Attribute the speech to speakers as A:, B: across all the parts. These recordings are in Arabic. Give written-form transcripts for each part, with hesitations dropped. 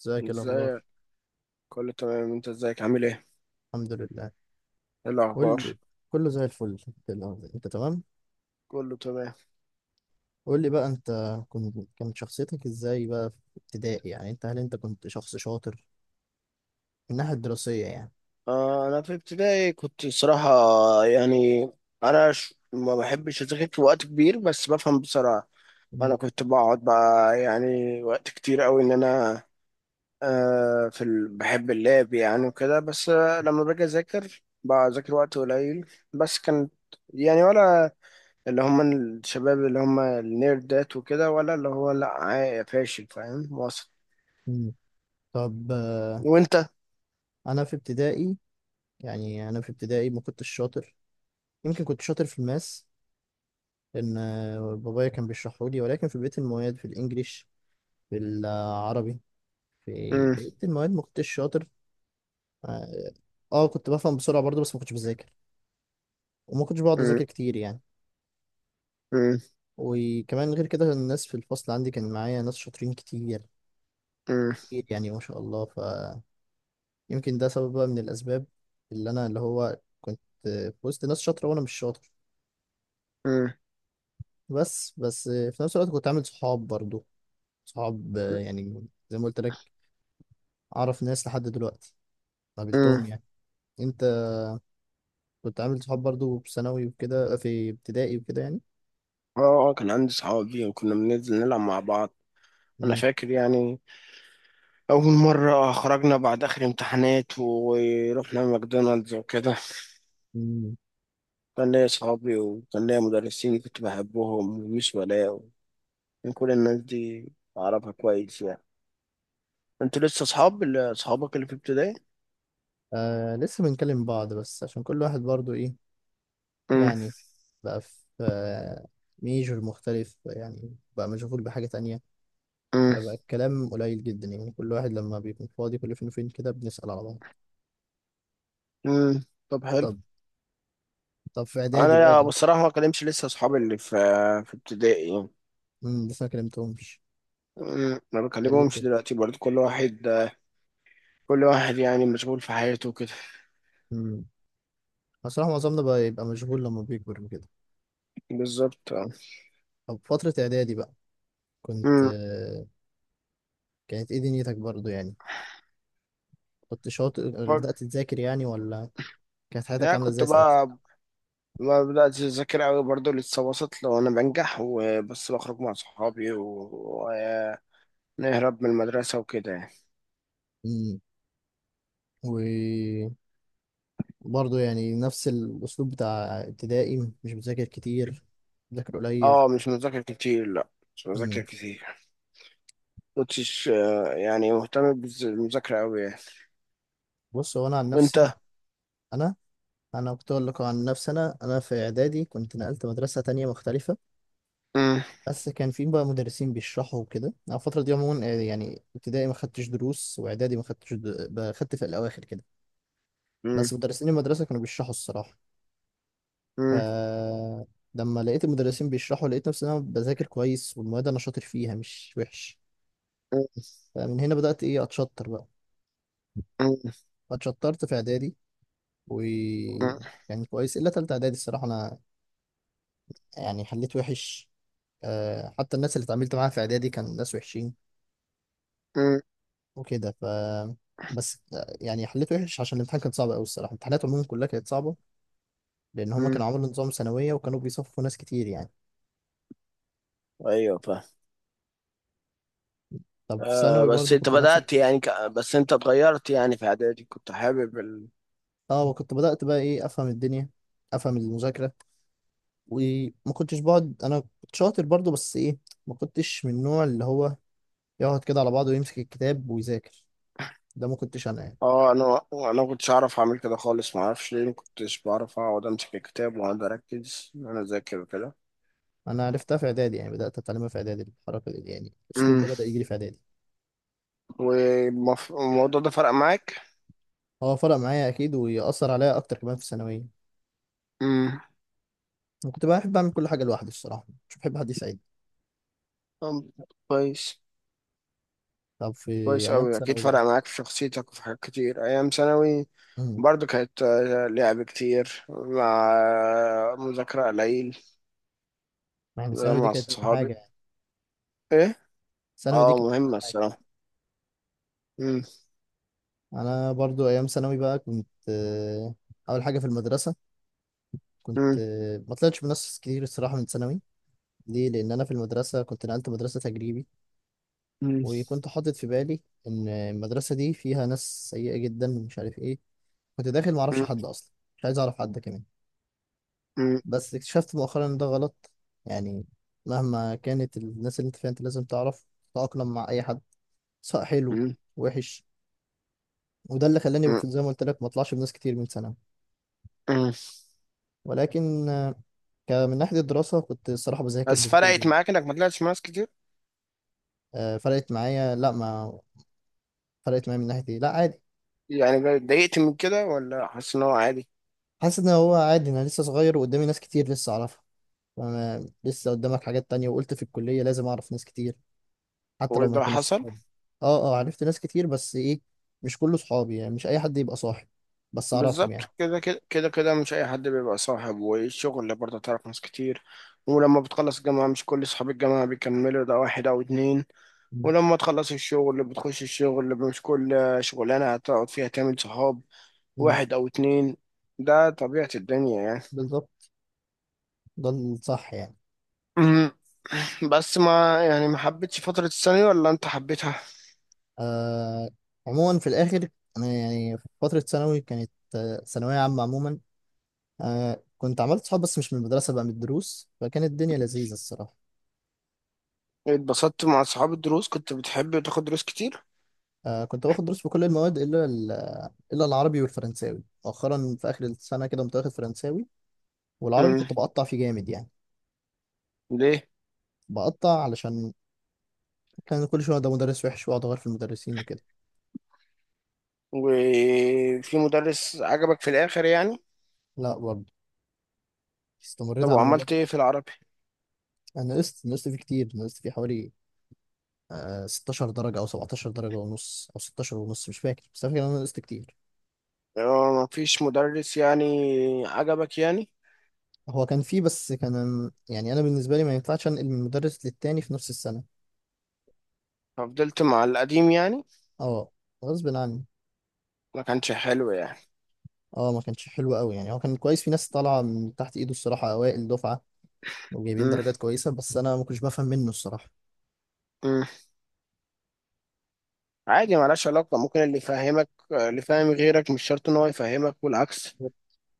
A: ازيك؟ إيه الاخبار؟
B: ازيك. كله تمام، انت ازيك؟ عامل ايه؟
A: الحمد لله.
B: ايه
A: قول
B: الاخبار؟
A: لي، كله زي الفل. الأخبار، انت تمام؟
B: كله تمام.
A: قول لي بقى انت. كانت شخصيتك ازاي بقى في ابتدائي؟ يعني انت، هل انت كنت شخص شاطر من الناحية الدراسية يعني؟
B: آه، انا في ابتدائي كنت صراحة، يعني انا ما بحبش اذاكر في وقت كبير، بس بفهم بسرعة.
A: مم.
B: انا كنت بقعد بقى يعني وقت كتير قوي ان انا في بحب اللعب يعني وكده، بس لما باجي اذاكر بذاكر وقت قليل، بس كانت يعني، ولا اللي هم الشباب اللي هم النيردات وكده، ولا اللي هو لا فاشل؟ فاهم واصل؟
A: مم. طب،
B: وانت؟
A: انا في ابتدائي انا في ابتدائي ما كنتش شاطر. يمكن كنت شاطر في الماس، لان بابايا كان بيشرحه لي، ولكن في بقية المواد، في الانجليش، في العربي، في
B: مم.
A: بقية المواد ما كنتش شاطر. اه كنت بفهم بسرعة برضه، بس ما كنتش بذاكر، وما كنتش بقعد
B: مم.
A: اذاكر كتير يعني.
B: مم.
A: وكمان غير كده الناس في الفصل عندي، كان معايا ناس شاطرين كتير،
B: مم.
A: كتير يعني ما شاء الله. فيمكن ده سبب بقى من الأسباب، اللي أنا اللي هو كنت في وسط ناس شاطرة وأنا مش شاطر.
B: مم.
A: بس في نفس الوقت كنت عامل صحاب برضو. صحاب يعني زي ما قلت لك، أعرف ناس لحد دلوقتي
B: مم.
A: قابلتهم يعني. أنت كنت عامل صحاب برضو في ثانوي وكده، في ابتدائي وكده يعني.
B: اه. كان عندي صحاب فيهم كنا بننزل نلعب مع بعض. انا
A: مم.
B: فاكر يعني اول مره خرجنا بعد اخر امتحانات ورحنا ماكدونالدز وكده.
A: مم.
B: كان ليا صحابي وكان ليا مدرسين كنت بحبهم وميس ولاء، وكان كل الناس دي اعرفها كويس يعني. انتوا لسه صحاب صحابك اللي في ابتدائي؟
A: آه لسه بنكلم بعض، بس عشان كل واحد برضو إيه
B: مم.
A: يعني، بقى في ميجور مختلف، يعني بقى مشغول بحاجة تانية.
B: مم.
A: فبقى الكلام قليل جدا، يعني كل واحد لما بيكون فاضي كل فين وفين كده بنسأل على بعض.
B: مم. طب حلو.
A: طب طب في إعدادي بقى.
B: انا بصراحه ما كلمتش لسه اصحابي اللي في ابتدائي يعني.
A: لسه ما كلمتهمش.
B: أمم، ما
A: ده ليه
B: بكلمهمش
A: كده؟
B: دلوقتي برضه، كل واحد، كل واحد يعني مشغول في حياته كده.
A: امم بصراحة معظمنا بقى يبقى مشغول لما بيكبر وكده.
B: بالظبط اه.
A: طب فترة إعدادي بقى، كنت
B: أمم.
A: آه، كانت إيه دنيتك برضو يعني؟ كنت شاطر، بدأت
B: فك-
A: تذاكر يعني ولا؟ كانت حياتك
B: يعني
A: عاملة
B: كنت
A: إزاي ساعتها؟
B: بقى، ما بدأت أذاكر أوي برضه، لسه وسط، لو أنا بنجح وبس، بخرج مع صحابي ونهرب من المدرسة وكده يعني.
A: امم برضه يعني نفس الأسلوب بتاع ابتدائي، مش بذاكر كتير، بذاكر قليل.
B: اه مش مذاكر كتير، لا، مش مذاكر
A: مم.
B: كتير. مكنتش يعني مهتم بالمذاكرة أوي يعني.
A: بص، هو أنا عن
B: وأنت؟
A: نفسي، أنا أنا كنت أقول لك عن نفسي. أنا في إعدادي كنت نقلت مدرسة تانية مختلفة.
B: أمم.
A: بس كان في بقى مدرسين بيشرحوا وكده. أنا الفترة دي عموما يعني ابتدائي ما خدتش دروس، وإعدادي ما خدتش خدت في الأواخر كده.
B: أمم.
A: بس مدرسين المدرسة كانوا بيشرحوا الصراحة. ف
B: أمم.
A: لما لقيت المدرسين بيشرحوا، لقيت نفسي إن أنا بذاكر كويس والمواد أنا شاطر فيها مش وحش. فمن هنا بدأت إيه أتشطر بقى.
B: أمم.
A: اتشطرت في اعدادي، و
B: أمم.
A: يعني كويس الا تالتة اعدادي الصراحه، انا يعني حليت وحش. أه حتى الناس اللي اتعاملت معاها في اعدادي كان ناس وحشين
B: أمم.
A: وكده. بس يعني حليت وحش عشان الامتحان كان صعب قوي الصراحه. امتحانات عموما كلها كانت صعبه، لان هما
B: أمم.
A: كانوا عملوا نظام ثانويه وكانوا بيصفوا ناس كتير يعني.
B: أيوه.
A: طب في
B: آه،
A: ثانوي
B: بس
A: برضو
B: انت
A: كنت نفس
B: بدأت يعني بس انت اتغيرت يعني، في اعدادي كنت حابب
A: وكنت بدات بقى ايه افهم الدنيا، افهم المذاكره. وما كنتش بقعد، انا كنت شاطر برضو بس ايه، ما كنتش من النوع اللي هو يقعد كده على بعضه ويمسك الكتاب ويذاكر، ده ما كنتش انا يعني.
B: اه انا ما كنتش اعرف اعمل كده خالص، ما اعرفش ليه ما كنتش بعرف اقعد امسك الكتاب واقعد اركز ان انا اذاكر وكده.
A: انا عرفتها في اعدادي يعني، بدات اتعلمها في اعدادي الحركه دي، يعني الاسلوب
B: امم.
A: ده بدا يجي لي في اعدادي.
B: والموضوع ده فرق معاك؟
A: هو فرق معايا اكيد، ويأثر عليا اكتر كمان في الثانويه.
B: امم.
A: انا كنت بحب اعمل كل حاجه لوحدي الصراحه، مش بحب حد يساعدني.
B: طب كويس.
A: طب في
B: كويس
A: ايام
B: قوي، اكيد
A: ثانوي
B: فرق
A: بقى،
B: معاك في شخصيتك وفي حاجات كتير. ايام ثانوي
A: امم
B: برضو كانت لعب كتير، مع مذاكرة قليل،
A: يعني الثانوي دي
B: مع
A: كانت اهم
B: صحابي.
A: حاجه يعني.
B: ايه.
A: الثانوي دي
B: اه
A: كانت اهم
B: مهمة
A: حاجه.
B: الصراحة. مم.
A: انا برضو ايام ثانوي بقى، كنت آه، اول حاجه في المدرسه، كنت
B: مم.
A: آه، ما طلعتش بناس كتير الصراحه من ثانوي. ليه؟ لان انا في المدرسه كنت نقلت مدرسه تجريبي،
B: مم.
A: وكنت حاطط في بالي ان المدرسه دي فيها ناس سيئه جدا ومش عارف ايه. كنت داخل ما اعرفش
B: مم.
A: حد اصلا، مش عايز اعرف حد كمان.
B: مم.
A: بس اكتشفت مؤخرا ان ده غلط، يعني مهما كانت الناس اللي انت فيها انت لازم تعرف تتاقلم مع اي حد، سواء حلو
B: مم.
A: وحش. وده اللي خلاني
B: مم.
A: زي ما قلت لك ما اطلعش بناس كتير من ثانوي.
B: مم.
A: ولكن من ناحيه الدراسه كنت الصراحه بذاكر
B: بس
A: بذاكر
B: فرقت
A: جدا.
B: معاك انك ما طلعتش مع ناس كتير؟
A: فرقت معايا، لا ما فرقت معايا من ناحيه ايه، لا عادي.
B: يعني اتضايقت من كده ولا حاسس ان هو عادي؟
A: حاسس ان هو عادي، انا لسه صغير وقدامي ناس كتير لسه اعرفها. فأنا لسه قدامك حاجات تانية، وقلت في الكلية لازم أعرف ناس كتير حتى
B: هو
A: لو ما
B: ده
A: يكونوش
B: حصل.
A: صحابي. أه، أه عرفت ناس كتير، بس إيه، مش كله صحابي يعني، مش أي حد يبقى صاحب، بس أعرفهم
B: بالظبط،
A: يعني.
B: كده كده كده كده، مش اي حد بيبقى صاحب، والشغل برضه تعرف ناس كتير، ولما بتخلص الجامعة مش كل صحاب الجامعة بيكملوا، ده واحد أو اتنين.
A: مم.
B: ولما تخلص الشغل بتخش الشغل، مش كل شغلانة هتقعد فيها تعمل صحاب،
A: مم.
B: واحد أو اتنين، ده طبيعة الدنيا يعني.
A: بالظبط، ده الصح يعني.
B: مم. بس ما يعني، ما حبيتش فترة الثانوي ولا انت حبيتها؟
A: آه عموما في الآخر، أنا يعني في فترة ثانوي كانت ثانوية عامة عموما. كنت عملت صحاب بس مش من المدرسة بقى، من الدروس، فكانت الدنيا لذيذة الصراحة.
B: اتبسطت مع اصحاب الدروس؟ كنت بتحب تاخد دروس كتير؟
A: آه كنت باخد دروس في كل المواد إلا إلا العربي والفرنساوي. مؤخرا في آخر السنة كده كنت واخد فرنساوي، والعربي
B: مم.
A: كنت بقطع فيه جامد يعني.
B: ليه؟
A: بقطع علشان كان كل شويه ده مدرس وحش، واقعد اغير في المدرسين وكده.
B: وفي مدرس عجبك في الاخر يعني؟
A: لا برضه استمريت
B: طب
A: على
B: وعملت ايه في
A: مدرس.
B: العربي؟
A: انا نقصت فيه كتير، نقصت فيه حوالي 16 درجه او 17 درجه ونص، او 16 ونص مش فاكر، بس فاكر ان انا نقصت كتير.
B: اه، ما فيش مدرس يعني عجبك يعني؟
A: هو كان فيه بس كان يعني، انا بالنسبه لي ما ينفعش انقل من مدرس للتاني في نفس السنه.
B: ففضلت مع القديم يعني؟
A: اه غصب عني.
B: ما كانش حلو يعني؟
A: اه ما كانش حلو قوي يعني، هو كان كويس، في ناس طالعه من تحت ايده الصراحه، اوائل دفعه وجايبين
B: مم.
A: درجات كويسه، بس انا ما كنتش بفهم منه الصراحه.
B: مم. عادي، ملهاش علاقة، ممكن اللي يفهمك اللي فاهم غيرك، مش شرط ان هو يفهمك والعكس.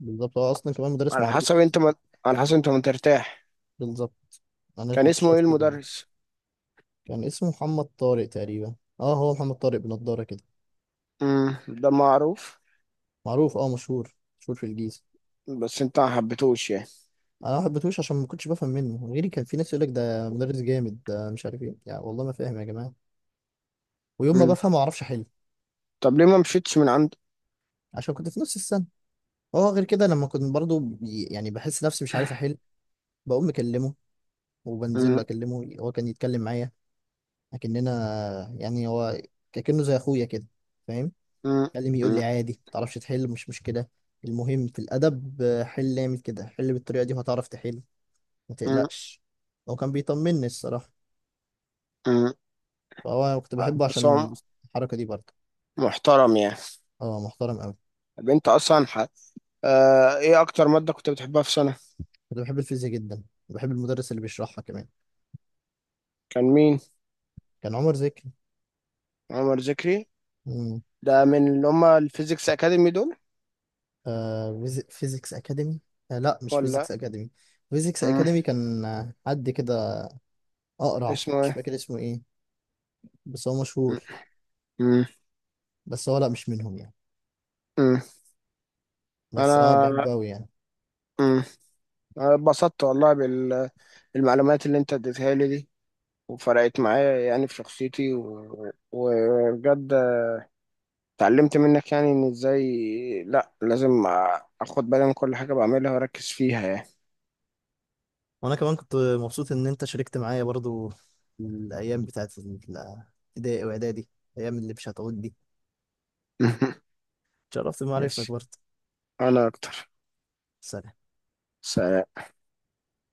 A: بالظبط، هو اصلا كمان مدرس
B: على
A: معروف.
B: حسب انت ما على حسب انت ما ترتاح.
A: بالظبط، انا
B: كان
A: كنت
B: اسمه
A: شايف
B: ايه
A: كده.
B: المدرس؟
A: كان اسمه محمد طارق تقريبا، اه هو محمد طارق بنضاره كده.
B: امم. ده معروف.
A: معروف، اه مشهور، مشهور في الجيزه.
B: بس انت ما حبيتهوش يعني؟
A: انا ما حبيتهوش عشان ما كنتش بفهم منه. غيري كان في ناس يقول لك ده مدرس جامد ده مش عارف ايه، يعني والله ما فاهم يا جماعه، ويوم ما
B: امم.
A: بفهم ما اعرفش احل.
B: طب ليه ما مشيتش من عند؟
A: عشان كنت في نص السنه. هو غير كده، لما كنت برضو يعني بحس نفسي مش عارف احل، بقوم مكلمه، وبنزل
B: امم.
A: له اكلمه، هو كان يتكلم معايا اكننا يعني. هو كأنه زي اخويا كده، فاهم؟
B: امم.
A: اتكلم يقول لي
B: امم.
A: عادي، متعرفش تحل مش مشكلة. المهم في الأدب حل اعمل كده، حل بالطريقة دي وهتعرف تحل، ما
B: امم.
A: تقلقش. هو كان بيطمني الصراحة.
B: امم.
A: فهو كنت بحبه
B: بس هو
A: عشان الحركة دي برضه.
B: محترم يعني؟
A: اه محترم أوي.
B: طب انت اصلا ايه اكتر مادة كنت بتحبها في سنة؟
A: كنت بحب الفيزياء جدا، بحب المدرس اللي بيشرحها كمان.
B: كان مين؟
A: كان عمر زكي.
B: عمر ذكري؟
A: مم.
B: ده من اللي هم الفيزيكس اكاديمي دول؟
A: آه فيزيكس أكاديمي. آه لا مش فيزيكس
B: ولا؟
A: أكاديمي. فيزيكس
B: امم.
A: أكاديمي كان حد كده، أقرع
B: اسمه
A: مش
B: ايه؟
A: فاكر اسمه إيه، بس هو مشهور.
B: امم. امم.
A: بس هو لا مش منهم يعني.
B: امم.
A: بس اه
B: انا،
A: بحبه أوي يعني.
B: امم، انا اتبسطت والله بالمعلومات اللي انت اديتها لي دي، وفرقت معايا يعني في شخصيتي وبجد اتعلمت منك يعني ان ازاي لا، لازم اخد بالي من كل حاجة بعملها واركز فيها يعني.
A: وانا كمان كنت مبسوط ان انت شاركت معايا برضو، الايام بتاعت الابتدائي واعدادي، الايام اللي مش هتعود دي. اتشرفت بمعرفتك
B: ماشي.
A: برضو.
B: انا اكتر.
A: سلام.
B: سلام.